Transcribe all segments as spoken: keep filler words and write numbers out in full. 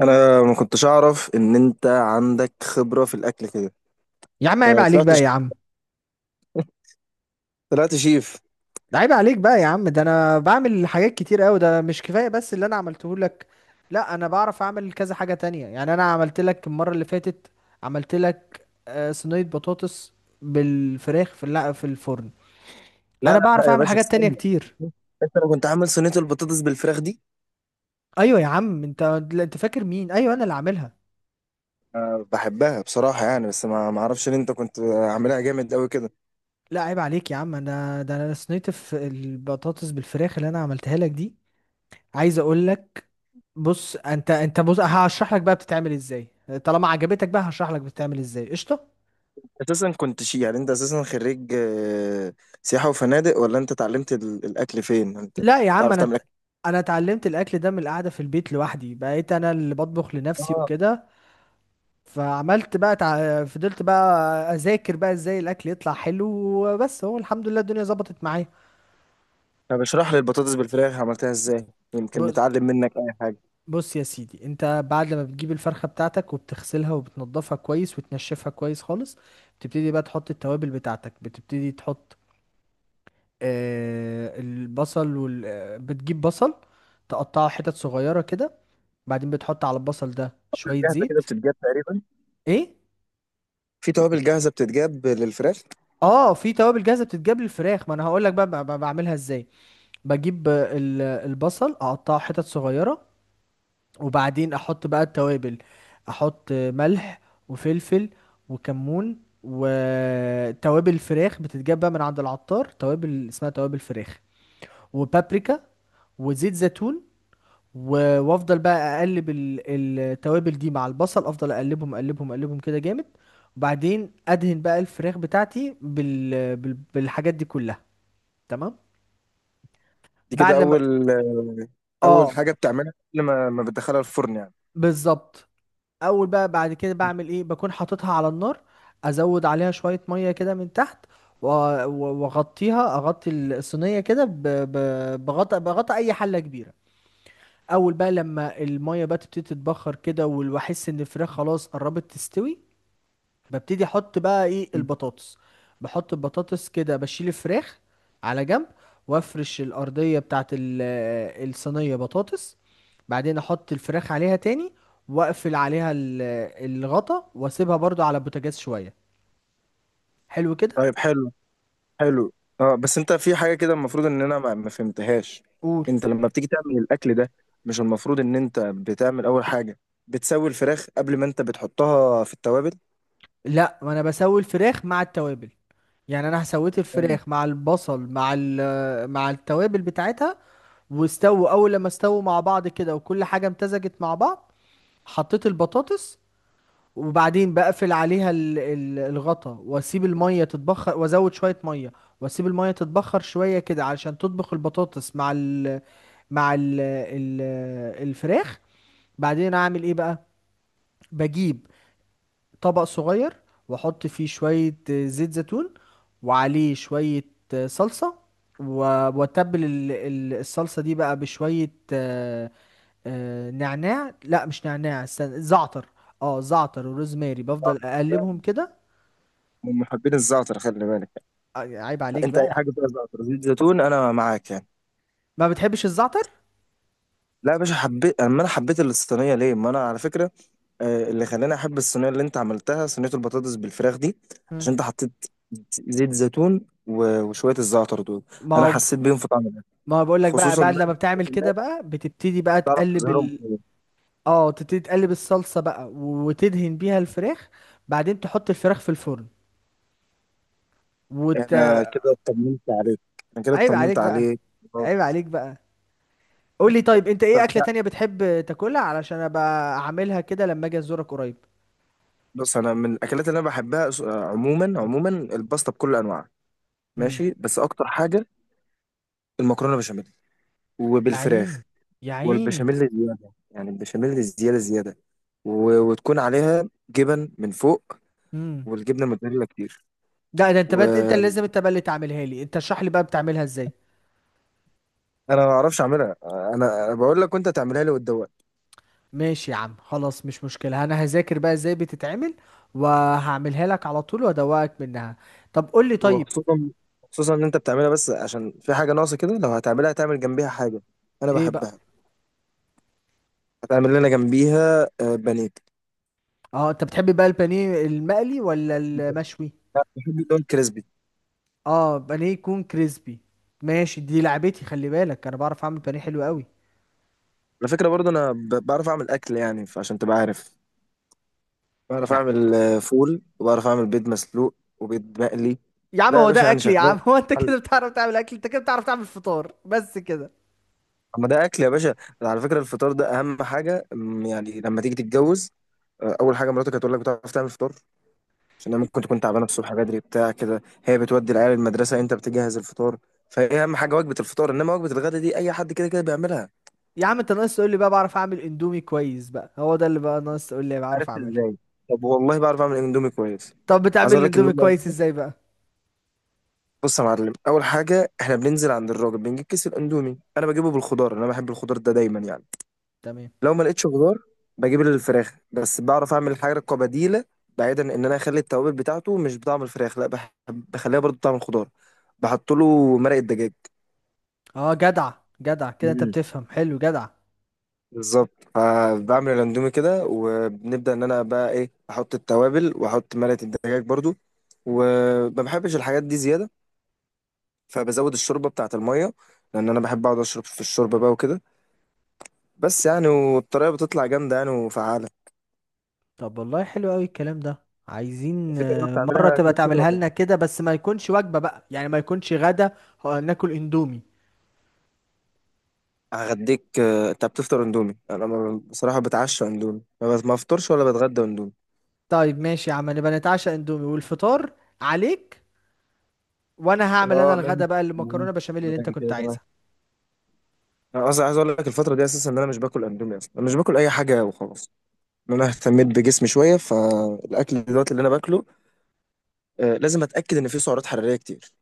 انا ما كنتش اعرف ان انت عندك خبره في الاكل كده. يا عم عيب آه، عليك طلعت بقى يا عم. طلعت شيف. عيب عليك بقى يا عم، ده انا بعمل حاجات كتير قوي، ده مش كفايه بس اللي انا عملته لك؟ لا انا بعرف اعمل كذا حاجه تانية، يعني انا عملت لك المره اللي فاتت، عملت لك آه، صينيه بطاطس بالفراخ في الل- في الفرن. لا انا لا بعرف لا يا اعمل باشا حاجات تانية استنى، كتير. انت لو كنت عامل صينيه البطاطس بالفراخ دي؟ ايوه يا عم انت. لا، انت فاكر مين؟ ايوه انا اللي عاملها. آه، بحبها بصراحه يعني، بس ما ما اعرفش ان انت كنت عاملها جامد قوي كده. لا عيب عليك يا عم، انا ده انا صينيه الف- البطاطس بالفراخ اللي انا عملتها لك دي، عايز اقول لك. بص انت، انت بص هشرح لك بقى بتتعمل ازاي، طالما عجبتك بقى هشرح لك بتتعمل ازاي. قشطه. اساسا كنت شي يعني، انت اساسا خريج آه، سياحه وفنادق، ولا انت اتعلمت ال- الاكل فين؟ انت لا يا عم، تعرف انا تعمل ت- اكل؟ انا اتعلمت الاكل ده من القعده في البيت لوحدي، بقيت انا اللي بطبخ لنفسي اه، وكده. فعملت بقى تع... فضلت بقى اذاكر بقى ازاي الاكل يطلع حلو، وبس هو الحمد لله الدنيا ظبطت معايا. طب اشرح لي البطاطس بالفراخ عملتها ازاي، يمكن بص نتعلم منك اي حاجه. بص يا سيدي، انت بعد ما بتجيب الفرخه بتاعتك وبتغسلها وبتنضفها كويس وتنشفها كويس خالص، بتبتدي بقى تحط التوابل بتاعتك، بتبتدي تحط آه، البصل وال... آه، بتجيب بصل، تقطعه حتت صغيرة كده، بعدين بتحط على البصل ده شوية الجاهزه كده زيت. بتتجاب تقريبا، ايه؟ في توابل جاهزه بتتجاب للفراخ. اه، في توابل جاهزة بتتجاب للفراخ، ما انا هقول لك بقى ب- ب- بعملها ازاي. بجيب آه، ال- البصل، اقطعه حتت صغيرة، وبعدين احط بقى التوابل، احط آه، ملح وفلفل وكمون وتوابل فراخ بتتجاب بقى من عند العطار، توابل اسمها توابل فراخ، وبابريكا، وزيت زيتون، و- وافضل بقى اقلب ال- التوابل دي مع البصل، افضل اقلبهم اقلبهم اقلبهم كده جامد. وبعدين ادهن بقى الفراخ بتاعتي بال... بال... بالحاجات دي كلها، تمام؟ دي بعد كده لما، اول اول اه، حاجه بتعملها قبل ما ما بتدخلها الفرن يعني؟ بالظبط. اول بقى بعد كده بعمل ايه؟ بكون حاططها على النار، ازود عليها شوية مية كده من تحت، و- و- واغطيها، اغطي الصينية كده، ب... ب... بغطى بغطى اي حلة كبيرة. اول بقى لما المية بقى تبتدي تتبخر كده واحس ان الفراخ خلاص قربت تستوي، ببتدي احط بقى ايه مم. البطاطس. بحط البطاطس كده، بشيل الفراخ على جنب، وافرش الارضيه بتاعت ال- آه، الصينيه بطاطس، بعدين احط الفراخ عليها تاني، واقفل عليها ال- آه، الغطا، واسيبها برضو على البوتاجاز شويه، حلو كده. طيب، حلو حلو. اه، بس انت في حاجه كده المفروض ان انا ما ما فهمتهاش. قول. انت لما بتيجي تعمل الاكل ده، مش المفروض ان انت بتعمل اول حاجه بتسوي الفراخ قبل ما انت بتحطها في التوابل؟ لا ما انا بسوي الفراخ مع التوابل، يعني انا سويت تمام. الفراخ مع البصل مع ال- آه، مع التوابل بتاعتها، واستووا، اول لما استووا مع بعض كده وكل حاجه امتزجت مع بعض، حطيت البطاطس، وبعدين بقفل عليها ال- ال- الغطا واسيب الميه تتبخر، وازود شويه ميه واسيب الميه تتبخر شويه كده علشان تطبخ البطاطس مع ال مع ال ال الفراخ. بعدين اعمل ايه بقى؟ بجيب طبق صغير، واحط فيه شوية آه، زيت زيتون، وعليه شوية آه، صلصة، و- واتبل ال- ال- الصلصة دي بقى بشوية آه، آه، نعناع. لا مش نعناع، استنى، زعتر. اه زعتر وروزماري، آه، بفضل اقلبهم كده. من محبين الزعتر، خلي بالك. آه، عيب عليك انت اي بقى. حاجه فيها زعتر زيت زيتون انا معاك يعني. ما بتحبش الزعتر. لا يا باشا، حبيت. اما انا حبيت الصينيه ليه؟ ما انا على فكره آه، اللي خلاني احب الصينيه اللي انت عملتها، صينيه البطاطس بالفراخ دي، مم. عشان انت حطيت زيت زيتون و- وشويه الزعتر دول. ما انا هو، حسيت بيهم في طعم الاكل. ما بقول لك بقى خصوصا بعد بقى لما إن انت بتعمل كمان كده بقى بتبتدي بقى تعرف تقلب تظهرهم ال كويس. اه تبتدي تقلب الصلصة بقى وتدهن بيها الفراخ، بعدين تحط الفراخ في الفرن وت... انا كده اطمنت عليك. انا كده عيب عليك اطمنت بقى. عليك. خلاص. عيب عليك بقى. قول لي طيب، انت ايه طب اكلة لا، تانية بتحب تاكلها علشان ابقى اعملها كده لما اجي ازورك قريب؟ بص، انا من الاكلات اللي انا بحبها أس- آه، عموما عموما الباستا بكل انواعها. امم ماشي، بس اكتر حاجه المكرونه بشاميل يا عيني وبالفراخ. يا عيني. والبشاميل زياده يعني، البشاميل زياده زياده. و- وتكون عليها جبن من فوق، امم والجبنه الموتزاريلا كتير. ده ده انت بقى انت اللي وانا لازم، انت بقى اللي تعملها لي انت، اشرح لي بقى بتعملها ازاي. ما اعرفش اعملها. انا أنا بقول لك وانت تعملها لي وتدوق. ماشي يا عم، خلاص مش مشكلة، انا هذاكر بقى ازاي بتتعمل وهعملها لك على طول وادوقك منها. طب قول لي طيب. وخصوصا خصوصا ان انت بتعملها. بس عشان في حاجه ناقصه كده، لو هتعملها تعمل جنبيها حاجه انا ايه بقى؟ بحبها. هتعمل لنا جنبيها آه، بانيه. اه انت بتحب بقى البانيه المقلي ولا المشوي؟ أنا بحب اللي هو الكريسبي. اه، بانيه يكون كريسبي. ماشي، دي لعبتي، خلي بالك انا بعرف اعمل بانيه حلو قوي. على فكره برضه انا ب- بعرف اعمل اكل يعني، عشان تبقى عارف. بعرف يا اعمل آه، فول، وبعرف اعمل بيض مسلوق وبيض مقلي. يا عم، لا يا هو باشا ده يعني اكل يا شغال، عم؟ هو انت كده بتعرف تعمل اكل؟ انت كده بتعرف تعمل فطار بس كده. اما ده اكل يا باشا. على فكره الفطار ده اهم حاجه، أم، يعني لما تيجي تتجوز، أه، اول حاجه مراتك هتقول لك بتعرف تعمل فطار؟ عشان هي ممكن تكون تعبانه الصبح بدري بتاع كده، هي بتودي العيال المدرسه، انت بتجهز الفطار. فهي اهم حاجه وجبه الفطار، انما وجبه الغدا دي اي حد كده كده بيعملها. يا عم انت ناقص تقول لي بقى بعرف اعمل اندومي كويس بقى، هو ده اللي بقى ناقص تقول لي بعرف عرفت اعمله. ازاي؟ طب والله بعرف اعمل اندومي كويس. طب بتعمل عايز اقول لك ان الاندومي كويس هم- ازاي بقى؟ بص يا معلم، اول حاجه احنا بننزل عند الراجل بنجيب كيس الاندومي. انا بجيبه بالخضار، انا بحب الخضار ده دايما يعني. تمام. لو ما لقيتش خضار بجيب الفراخ، بس بعرف اعمل حاجه كبديله. بعيدا ان انا اخلي التوابل بتاعته مش بطعم الفراخ، لا بح- بخليها برضو بطعم الخضار. بحط له مرق الدجاج. اه جدع، جدع كده، انت مم. بتفهم حلو، جدع. بالظبط، فبعمل الاندومي كده، وبنبدا ان انا بقى ايه، احط التوابل واحط مرقه الدجاج برضو. وما بحبش الحاجات دي زياده، فبزود الشوربه بتاعه الميه، لان انا بحب اقعد اشرب في الشوربه بقى وكده. بس يعني، والطريقه بتطلع جامده يعني وفعاله. طب والله حلو قوي الكلام ده، عايزين في طريقه آه، بتعملها مرة تبقى غير كده تعملها ولا؟ لنا كده بس ما يكونش وجبة بقى، يعني ما يكونش غدا، آه، ناكل اندومي. هغديك. آه، انت بتفطر اندومي؟ انا ما- بصراحه بتعشى اندومي، ما بت- ما بفطرش ولا بتغدى اندومي. طيب ماشي يا عم، نبقى نتعشى اندومي، والفطار عليك، وانا هعمل انا اه الغدا ماشي. بقى، المكرونه ماشي. بشاميل اللي انت بدل كنت كده كمان، عايزها. انا اصلا عايز اقول لك الفتره دي اساسا ان انا مش باكل اندومي اصلا. انا مش باكل اي حاجه وخلاص. ان انا اهتميت بجسمي شويه، فالاكل دلوقتي اللي انا باكله آه، لازم اتاكد ان فيه سعرات حراريه كتير.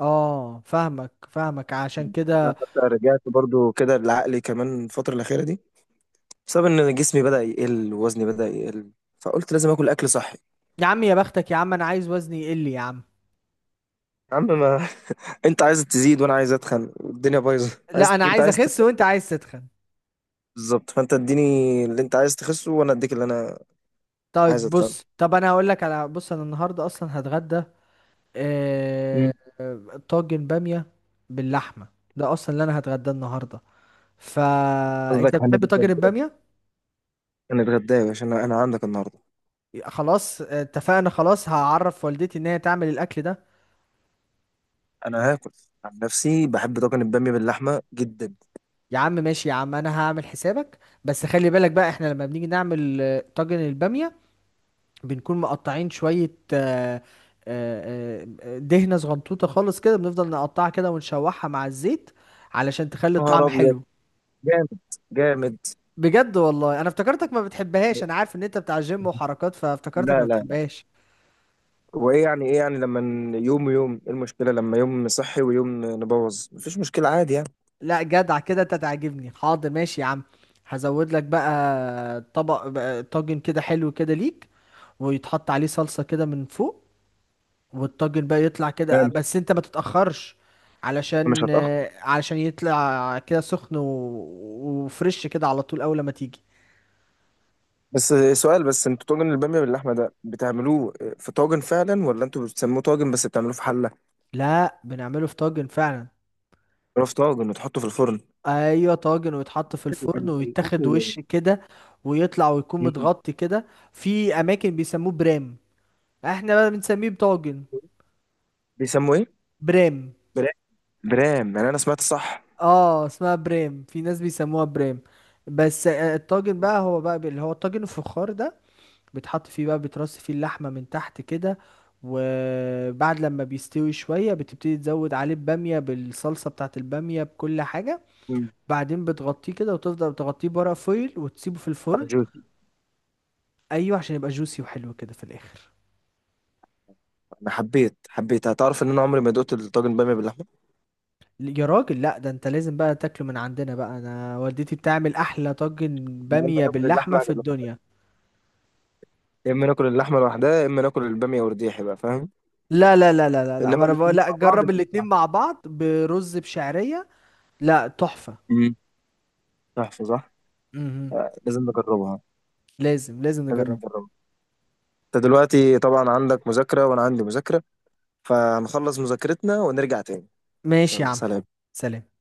اه فاهمك فاهمك، عشان انا كده. حتى رجعت برضو كده لعقلي كمان الفتره الاخيره دي، بسبب ان جسمي بدا يقل ووزني بدا يقل، فقلت لازم اكل اكل صحي. يا عم يا بختك يا عم، انا عايز وزني يقل يا عم. يا عم ما انت عايز تزيد وانا عايز اتخن، والدنيا بايظه، لا عايز انا انت عايز عايز. اخس وانت عايز تتخن. بالظبط، فانت اديني اللي انت عايز تخسه وانا اديك اللي انا عايز طيب اتخانق. بص، طب انا هقول لك على بص انا النهارده اصلا هتغدى مم. آه... طاجن باميه باللحمه، ده اصلا اللي انا هتغدى النهارده. فانت قصدك بتحب طاجن هنتغدى. الباميه؟ هنتغدى يا باشا، انا انا عندك النهارده. خلاص آه، اتفقنا، خلاص هعرف والدتي ان هي تعمل الاكل ده. انا هاكل. عن نفسي بحب طاجن الباميه باللحمه جدا. يا عم ماشي يا عم، انا هعمل حسابك، بس خلي بالك بقى احنا لما بنيجي نعمل آه، طاجن البامية، بنكون مقطعين شوية آه، آه، آه، دهنة صغنطوطة خالص كده، بنفضل نقطعها كده ونشوحها مع الزيت علشان تخلي نهار الطعم ابيض، حلو. جامد، جامد. بجد والله، انا افتكرتك ما بتحبهاش، انا عارف ان انت بتاع جيم وحركات فافتكرتك لا ما لا لا. بتحبهاش. وايه يعني، ايه يعني لما ن- يوم يوم ايه المشكله؟ لما يوم صحي ويوم نبوظ مفيش مشكله، عادي يعني. لا جدع كده، انت تعجبني. حاضر ماشي يا عم، هزود لك بقى طبق بقى طاجن كده حلو كده ليك، ويتحط عليه صلصة كده من فوق، والطاجن بقى يطلع كده، تمام. بس انت ما تتأخرش، مش علشان هتاخر. آه، علشان يطلع كده سخن و... وفريش كده على طول اول ما تيجي. بس سؤال، بس انتوا طاجن الباميه باللحمه ده بتعملوه في طاجن فعلا ولا انتوا بتسموه طاجن بس بتعملوه في حله؟ لا بنعمله في طاجن فعلا. بتعملوه في طاجن وتحطه في الفرن؟ ايوه طاجن، ويتحط في الفرن ال- ويتاخد الاكل. وش كده ويطلع، ويكون مم. متغطي كده. في اماكن بيسموه برام، احنا بقى بنسميه بطاجن. بيسموه ايه؟ برام. برام. برام، يعني انا سمعت صح؟ اه اسمها برام، في ناس بيسموها برام، بس آه، الطاجن بقى هو بقى اللي هو الطاجن الفخار ده، بيتحط فيه بقى، بيترص فيه اللحمة من تحت كده، وبعد لما بيستوي شوية بتبتدي تزود عليه بامية بالصلصة بتاعت البامية بكل حاجة، مم. بعدين بتغطيه كده وتفضل تغطيه بورق فويل وتسيبه في بتاع الفرن. جوتي. ايوه، عشان يبقى جوسي وحلو كده في الاخر. انا حبيت حبيت. هتعرف ان انا عمري ما دقت الطاجن باميه باللحمه. يا راجل لا، ده انت لازم بقى تاكله من عندنا بقى، انا والدتي بتعمل احلى طاجن إحنا يا اما بامية ناكل باللحمة اللحمه يا في جماعة، الدنيا. يا اما ناكل اللحمه لوحدها، يا اما ناكل الباميه ورديحي بقى، فاهم؟ لا لا لا لا لا لا، ما انما انا بقول الاثنين لا مع بعض ما جرب الاتنين ينفعش. مع بعض برز بشعرية. لا تحفة. مم. تحفه صح. مهم. آه، لازم نجربها. لازم لازم لازم نجرب. نجربها. انت دلوقتي طبعا عندك مذاكره وانا عندي مذاكره، فهنخلص مذاكرتنا ونرجع تاني. ماشي يا يلا عم. سلام. سلام.